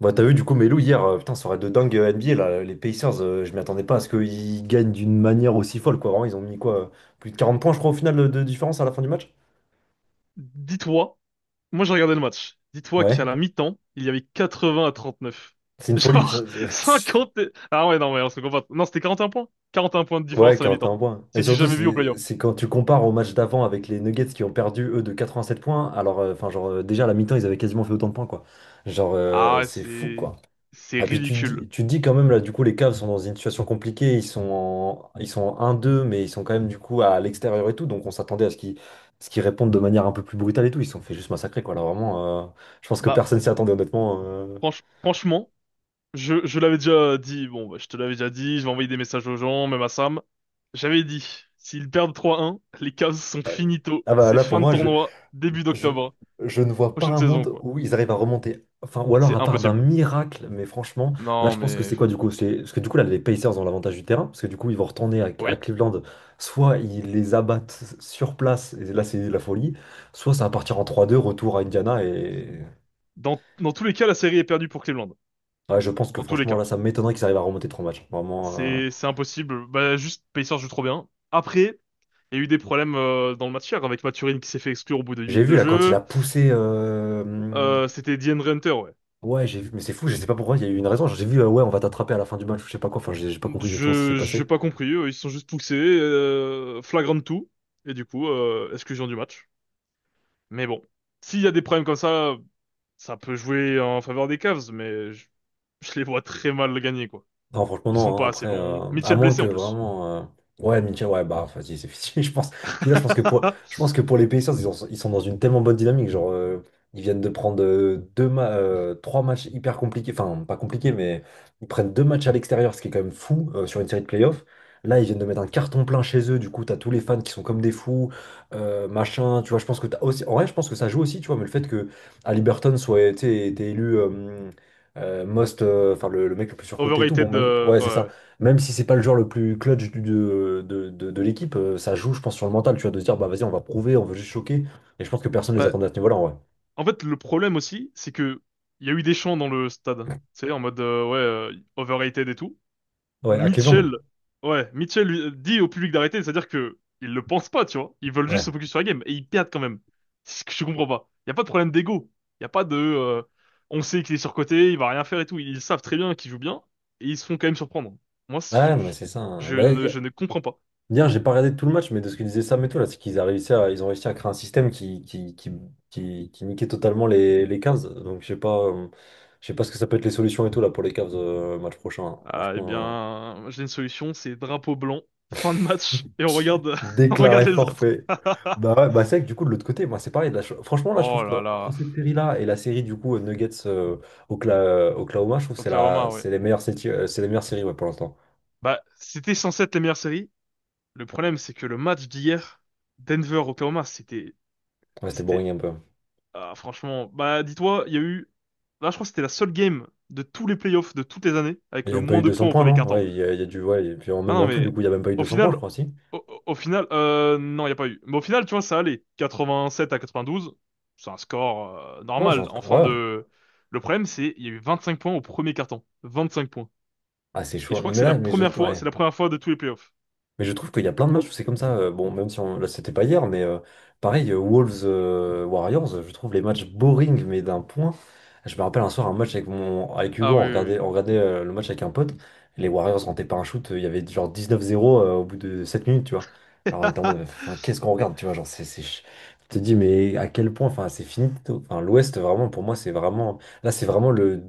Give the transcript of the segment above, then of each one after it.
Bah, t'as vu du coup Melo hier, putain, soirée de dingue NBA là, les Pacers, je m'y attendais pas à ce qu'ils gagnent d'une manière aussi folle quoi. Vraiment, ils ont mis quoi, plus de 40 points je crois au final de différence à la fin du match. Dis-toi, moi j'ai regardé le match. Dis-toi qu'à Ouais. la mi-temps, il y avait 80 à 39. C'est une folie ça. Genre c'est- 50 ah ouais, non, mais on se comprend. Non, c'était 41 points. 41 points de Ouais, différence à la mi-temps. 41 points. Et C'est du surtout jamais vu au c'est play-off. c'est quand tu compares au match d'avant avec les Nuggets qui ont perdu eux de 87 points, alors enfin genre déjà à la mi-temps, ils avaient quasiment fait autant de points quoi. Genre Ah ouais, c'est fou c'est… quoi. C'est Ah, puis ridicule. tu te dis quand même, là, du coup, les Cavs sont dans une situation compliquée. Ils sont en 1-2, mais ils sont quand même, du coup, à l'extérieur et tout. Donc, on s'attendait à ce qu'ils répondent de manière un peu plus brutale et tout. Ils se sont fait juste massacrer, quoi. Là, vraiment, je pense que Bah, personne s'y attendait, honnêtement. Franchement, je l'avais déjà dit. Bon, bah, je te l'avais déjà dit. Je vais envoyer des messages aux gens, même à Sam. J'avais dit, s'ils perdent 3-1, les Cavs sont finito. Ah, bah C'est là, pour fin de moi, tournoi, début Je, d'octobre. je ne vois pas Prochaine un saison, monde quoi. où ils arrivent à remonter. Enfin, ou C'est alors à part d'un impossible. miracle, mais franchement, là Non, je pense que mais… c'est quoi du coup? C'est, parce que du coup là les Pacers ont l'avantage du terrain, parce que du coup ils vont retourner à Oui. Cleveland, soit ils les abattent sur place, et là c'est la folie, soit ça va partir en trois deux retour à Indiana, et Dans tous les cas, la série est perdue pour Cleveland. ouais, je pense que Dans tous les franchement cas. là ça m'étonnerait qu'ils arrivent à remonter 3 matchs. Vraiment, C'est impossible. Bah, juste, Pacers joue trop bien. Après, il y a eu des problèmes dans le match hier avec Mathurin qui s'est fait exclure au bout de j'ai minutes vu de là quand il a jeu. poussé... C'était DeAndre Hunter, ouais. Ouais, j'ai vu, mais c'est fou, je sais pas pourquoi, il y a eu une raison. J'ai vu, ouais, on va t'attraper à la fin du match, je sais pas quoi, enfin j'ai pas compris exactement ce qui s'est J'ai passé. pas compris. Ils se sont juste poussés. Flagrant tout. Et du coup, exclusion du match. Mais bon. S'il y a des problèmes comme ça peut jouer en faveur des Cavs, mais je les vois très mal gagner, quoi. Non, franchement, Ils sont non, hein. pas assez Après, bons. à Mitchell moins blessé que en plus. vraiment. Ouais, Mitchell, ouais, bah, vas-y, c'est fini, je pense. Puis là, je pense que pour les Pacers, ils sont dans une tellement bonne dynamique. Genre, ils viennent de prendre trois matchs hyper compliqués. Enfin, pas compliqués, mais ils prennent 2 matchs à l'extérieur, ce qui est quand même fou sur une série de playoffs. Là, ils viennent de mettre un carton plein chez eux. Du coup, t'as tous les fans qui sont comme des fous, machin. Tu vois, je pense que t'as aussi. En vrai, je pense que ça joue aussi, tu vois, mais le fait que Haliburton été élu. Most, enfin le mec le plus surcoté et tout, bon, Overrated, même, ouais, c'est ça. ouais. Même si c'est pas le joueur le plus clutch de l'équipe, ça joue, je pense, sur le mental, tu vois, de se dire, bah vas-y, on va prouver, on veut juste choquer. Et je pense que personne les Bah, attendait à ce niveau-là, en vrai. en fait, le problème aussi, c'est que il y a eu des chants dans le stade. C'est en mode ouais, overrated et tout. Ouais, à Cleveland. Mitchell, ouais, Mitchell dit au public d'arrêter, c'est-à-dire que ils le pensent pas, tu vois. Ils veulent Ouais. juste se focus sur la game et ils perdent quand même. C'est ce que je comprends pas. Il y a pas de problème d'ego. Il y a pas de On sait qu'il est surcoté, il va rien faire et tout. Ils savent très bien qu'il joue bien et ils se font quand même surprendre. Moi, c- Ah non, mais je, c'est ça, hein. je Bah, ne je ne comprends pas. hier, j'ai pas regardé tout le match, mais de ce que disait Sam et tout, là, c'est qu'ils a réussi à, ils ont réussi à créer un système qui niquait totalement les Cavs. Donc, je sais pas ce que ça peut être les solutions et tout, là, pour les Cavs, match prochain, hein. Ah, eh Franchement. bien, j'ai une solution, c'est drapeau blanc, fin de match, et on regarde, on regarde Déclaré les autres. forfait. Bah ouais, bah c'est vrai que du coup, de l'autre côté, moi, c'est pareil. Là, franchement, là, je Oh trouve que là entre là, cette série-là et la série, du coup, Nuggets Oklahoma, je trouve que Oklahoma, ouais. c'est les meilleures séries, c'est les meilleures séries ouais, pour l'instant. Bah, c'était censé être la meilleure série. Le problème, c'est que le match d'hier, Denver-Oklahoma, c'était, Ouais, c'était c'était, boring un peu. ah, franchement, bah, dis-toi, il y a eu, là, je crois que c'était la seule game de tous les playoffs de toutes les années Il avec n'y a le même pas moins eu de 200 points au points, premier non? quart temps. Ouais, il y a du. Ouais, et puis en Ah même non, en tout, du mais coup, il n'y a même pas eu deux au cents points, final, je crois aussi. Au final, non, il n'y a pas eu. Mais au final, tu vois, ça allait. 87 à 92, c'est un score Non, normal. En fin ouais. de… Le problème, c'est il y a eu 25 points au premier carton. 25 points. Ah, c'est Et je chaud. crois Non, que mais c'est la là, mais je. première fois, Ouais. c'est la première fois de tous les playoffs. Mais je trouve qu'il y a plein de matchs où c'est comme ça, bon, même si là, c'était pas hier, mais pareil, Wolves Warriors, je trouve les matchs boring, mais d'un point. Je me rappelle un soir un match avec Hugo, Ah oui, oui, on regardait le match avec un pote. Les Warriors rentaient pas un shoot, il y avait genre 19-0 au bout de 7 minutes, tu vois. oui. Genre, on était en mode, enfin, qu'est-ce qu'on regarde, tu vois, genre, je te dis, mais à quel point, enfin, c'est fini, tôt. Enfin, l'Ouest, vraiment, pour moi, c'est vraiment. Là, c'est vraiment le.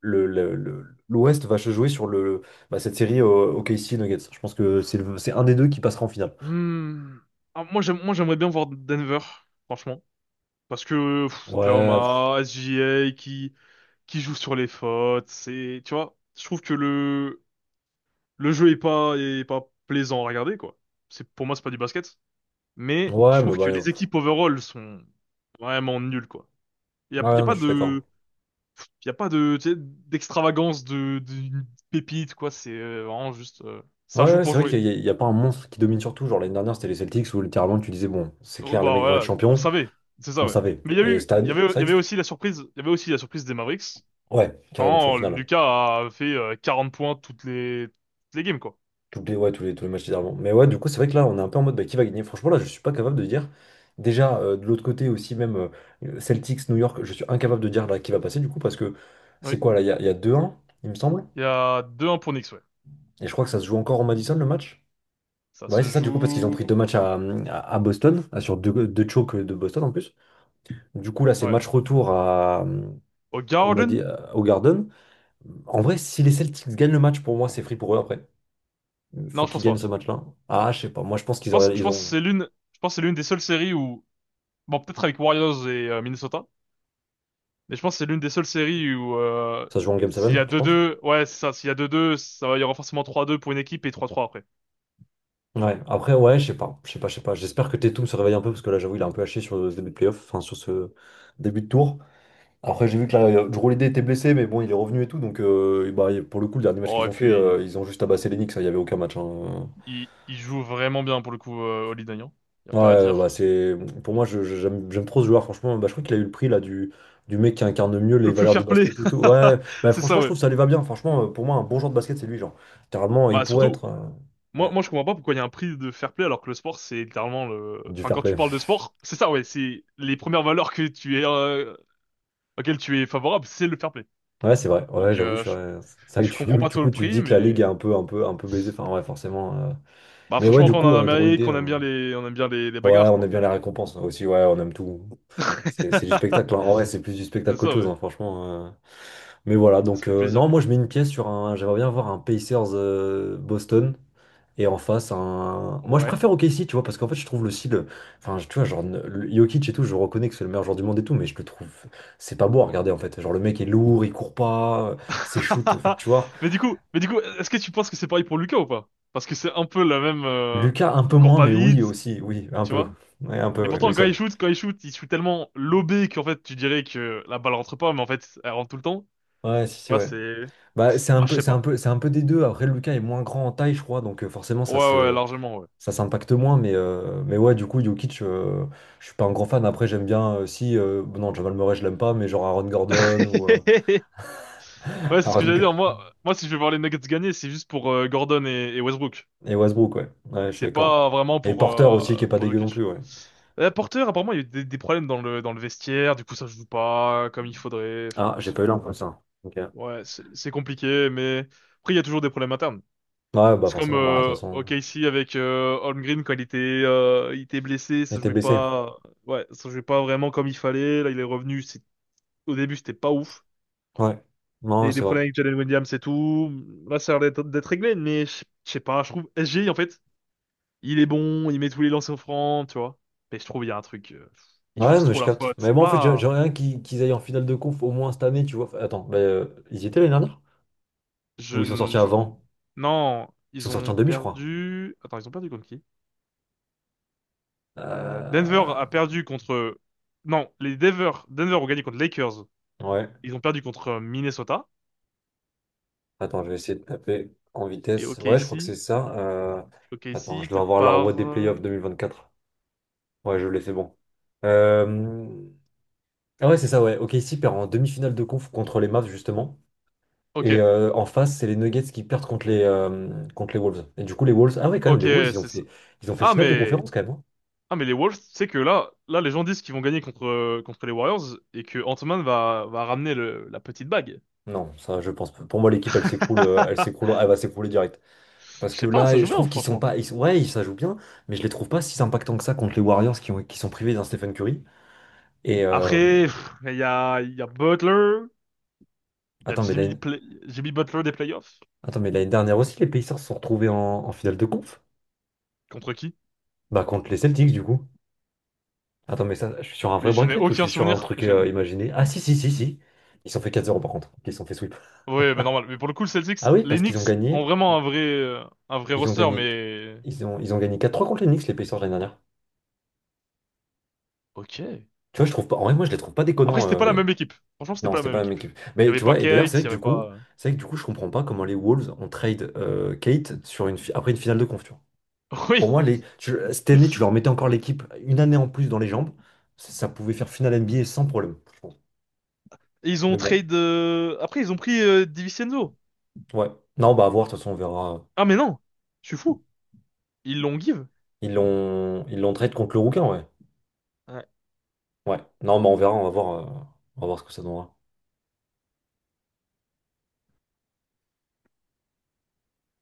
le, le- le- l'Ouest va se jouer sur le. Bah, cette série OKC Nuggets, je pense que c'est un des deux qui passera en finale. Hmm. Ah, moi, j'aimerais bien voir Denver, franchement. Parce que pff, Ouais, pff, Oklahoma, SGA qui joue sur les fautes, c'est, tu vois, je trouve que le jeu est pas, plaisant à regarder, quoi. C'est, pour moi, c'est pas du basket. Mais je ouais, mais trouve bah, que les pff, équipes overall sont vraiment nulles, quoi. Il y ouais, a, y a non, mais pas je suis d'accord. de, y a pas de, tu sais, d'extravagance, de, d'une pépite, quoi. C'est vraiment juste, Ouais, ça joue ouais, pour c'est vrai jouer. qu'il n'y a, il y a pas un monstre qui domine sur tout. Genre l'année dernière, c'était les Celtics où littéralement tu disais, bon, c'est Oh, clair, les bah mecs vont être voilà, on champions. savait. C'est ça, On ouais. savait. Mais il y a Et eu, cette année, c'est il y vrai que avait aussi la surprise, des Mavericks ouais, carrément, jusqu'au quand final. Lucas a fait 40 points toutes les games, quoi. Ouais, tous les matchs d'avant. Mais ouais, du coup, c'est vrai que là, on est un peu en mode, bah, qui va gagner? Franchement, là, je suis pas capable de dire. Déjà, de l'autre côté aussi, même Celtics, New York, je suis incapable de dire là qui va passer du coup parce que c'est Oui. quoi là? Il y a 2-1, il me semble. Il y a deux 1 pour Knicks, ouais. Et je crois que ça se joue encore au Madison le match. Ça Ouais, se c'est ça, du coup, parce qu'ils ont pris joue, deux matchs à Boston, sur deux chokes de Boston en plus. Du coup, là, c'est ouais. match retour Au Garden? Au Garden. En vrai, si les Celtics gagnent le match, pour moi, c'est free pour eux après. Faut Non, je qu'ils pense gagnent ce pas. match-là. Ah, je sais pas. Moi, je pense qu'ils auraient, ils ont. Je pense que c'est l'une des seules séries où, bon, peut-être avec Warriors et Minnesota, mais je pense que c'est l'une des seules séries où, Ça se joue en Game s'il y a 7, tu deux penses? deux, ouais, c'est ça, s'il y a deux deux, ça va, il y aura forcément 3-2 pour une équipe et 3-3 après. Ouais, après, ouais, je sais pas. Je sais pas. J'espère que Tatum se réveille un peu, parce que là, j'avoue, il est un peu haché sur ce début de playoff, enfin, sur ce début de tour. Après, j'ai vu que là, Drew Holiday était blessé, mais bon, il est revenu et tout. Donc, bah, pour le coup, le dernier match Oh, qu'ils et ont fait, puis, ils ont juste abassé les Knicks. Il n'y avait aucun match, hein. Il joue vraiment bien pour le coup, Oli Dagnan. Y a pas à Ouais, bah, dire. c'est... Pour moi, j'aime trop ce joueur, franchement. Bah, je crois qu'il a eu le prix là, du mec qui incarne mieux les Le plus valeurs du fair play. basket et tout. Ouais, bah, C'est franchement, ça, je trouve ouais. que ça lui va bien. Franchement, pour moi, un bon joueur de basket, c'est lui. Genre, littéralement, il Bah, pourrait surtout, être. euh, Ouais, je comprends pas pourquoi il y a un prix de fair play alors que le sport, c'est littéralement le, du enfin, fair quand tu play. parles de sport, c'est ça, ouais, c'est les premières valeurs que tu es, auxquelles tu es favorable, c'est le fair play. Ouais, c'est vrai. Ouais, Donc j'avoue, ouais, c'est vrai je que tu, comprends pas du trop le coup, tu te prix, dis que la ligue est mais un peu, un peu, un peu baisée. Enfin, ouais, forcément. bah Mais ouais, franchement du quand on est en coup, Drew Holiday. Amérique, on euh, aime bien les, on aime bien les, les Ouais, bagarres on aime quoi. bien les récompenses, hein, aussi, ouais, on aime tout. C'est du spectacle, hein. En vrai, c'est plus du spectacle C'est qu'autre ça, chose, mais hein, franchement. Mais voilà, ça donc fait plaisir non, quand moi même. je mets une pièce sur un. J'aimerais bien voir un Pacers Boston et en face un. Moi je Ouais. préfère OKC, tu vois, parce qu'en fait je trouve le style. Enfin, tu vois, genre Jokic et tout, je reconnais que c'est le meilleur joueur du monde et tout, mais je le trouve. C'est pas beau à regarder en fait. Genre le mec est lourd, il court pas, ses shoots, enfin tu vois. Mais du coup, est-ce que tu penses que c'est pareil pour Lucas ou pas? Parce que c'est un peu la même. Lucas un peu Il court moins, pas mais oui vite, aussi, oui, un tu peu. vois. Ouais, un Et peu, ouais, pourtant, oui, ça. Il shoot tellement lobé qu'en fait tu dirais que la balle rentre pas, mais en fait elle rentre tout le temps. Ouais, si, si, Tu vois, ouais. c'est… Bah, c'est un Moi je peu, sais c'est un pas. peu, c'est un peu des deux. Après, Lucas est moins grand en taille, je crois, donc forcément, Ouais, ouais, largement, ça s'impacte moins. Mais ouais, du coup, Jokic, je suis pas un grand fan. Après, j'aime bien, si, bon, non, Jamal Murray, je l'aime pas, mais genre Aaron Gordon ou ouais. Ouais, c'est ce que Aaron j'allais G- dire. Si je vais voir les Nuggets gagner, c'est juste pour Gordon et Westbrook. et Westbrook, ouais. Ouais, je suis C'est d'accord. pas vraiment Et Porter aussi, qui est pas pour dégueu non plus, Jokic. ouais. Porter, apparemment, il y a eu des problèmes dans le vestiaire. Du coup, ça joue pas comme il faudrait. Ah, Enfin, j'ai c'est- pas eu l'info, ça. Ok. ouais, c'est compliqué, mais après, il y a toujours des problèmes internes. Ouais, bah C'est comme forcément, bah, de toute façon, OKC avec Holmgren quand il était blessé, il ça était jouait blessé. pas. Ouais, ça jouait pas vraiment comme il fallait. Là, il est revenu. C'est au début, c'était pas ouf. Ouais. Il y Non, a eu des c'est vrai. problèmes avec Jalen Williams et tout. Là, ça a l'air d'être réglé, mais je sais pas, je trouve SGI, en fait, il est bon, il met tous les lancers francs, tu vois. Mais je trouve il y a un truc, il Ouais, force non, mais trop je la capte. faute, Mais c'est moi, en fait, pas… j'aimerais bien qu'ils aillent en finale de conf au moins cette année, tu vois. Attends, bah, ils y étaient l'année dernière? Je, Ou ils sont sortis n- je... avant. Non, Ils sont ils sortis en ont demi, je crois. perdu… Attends, ils ont perdu contre qui? Denver a Euh, perdu contre… Non, Denver ont gagné contre Lakers. Ouais. Ils ont perdu contre Minnesota. Attends, je vais essayer de taper en Et vitesse. Ouais, je crois que c'est OKC, ça. Attends, je dois peut-être avoir la roue par… des playoffs 2024. Ouais, je l'ai, c'est bon. Euh, Ah ouais, c'est ça, ouais. Ok, ici perd en demi-finale de conf contre les Mavs, justement. Ok, Et en face, c'est les Nuggets qui perdent contre les Wolves. Et du coup, les Wolves... Ah ouais, quand même, ok, les Wolves, c'est ça. Ils ont fait Ah, finale de mais… conférence, quand même, hein. Ah mais les Wolves, tu sais que là les gens disent qu'ils vont gagner contre les Warriors et que Ant-Man va ramener la petite bague. Non, ça, je pense pas. Pour moi, l'équipe, elle s'écroule, elle va s'écrouler direct. Parce Je que sais pas, ça là, joue je bien trouve qu'ils sont franchement. pas. Ils sont- ouais, ils- ça joue bien, mais je les trouve pas si impactants que ça contre les Warriors qui, qui sont privés d'un Stephen Curry. Et Après, pff, il y a Butler, il y a attends, mais l'année Jimmy Butler des playoffs attends, mais l'année dernière aussi, les Pacers se sont retrouvés en finale de conf. contre qui? Bah, contre les Celtics, du coup. Attends, mais ça, je suis sur un Mais vrai je n'ai bracket ou je aucun suis sur un souvenir. truc Je n'ai- imaginé? Ah, si, si, si, si. Ils se sont fait 4-0 par contre. Ils se sont fait sweep. Ouais, bah normal. Mais pour le coup, le Celtics, Ah oui, les parce qu'ils ont Knicks ont gagné. vraiment un vrai Ils ont roster, gagné. mais Ils ont gagné 4-3 contre les Knicks, les Pacers l'année dernière. ok. Tu vois, je trouve pas. En vrai, moi, je les trouve pas Après, c'était déconnants, pas la même équipe. Franchement, c'était non, pas la c'était même pas la même équipe. équipe. Il y Mais avait tu pas vois, et d'ailleurs, Kate, il y avait pas. c'est vrai que du coup, je comprends pas comment les Wolves ont trade Kate après une finale de conf, tu vois. Oui, Pour moi, cette année, tu leur mettais encore l'équipe une année en plus dans les jambes, ça pouvait faire finale NBA sans problème, je pense. ils ont Mais bon, trade. Après, ils ont pris Divincenzo. ouais. Non, bah à voir, de toute façon, on verra. Ah, mais non! Je suis fou! Ils l'ont give. Ils l'ont trade contre le Rouquin, ouais. Ouais. Ouais. Non, bah on verra, on va voir ce que ça donnera.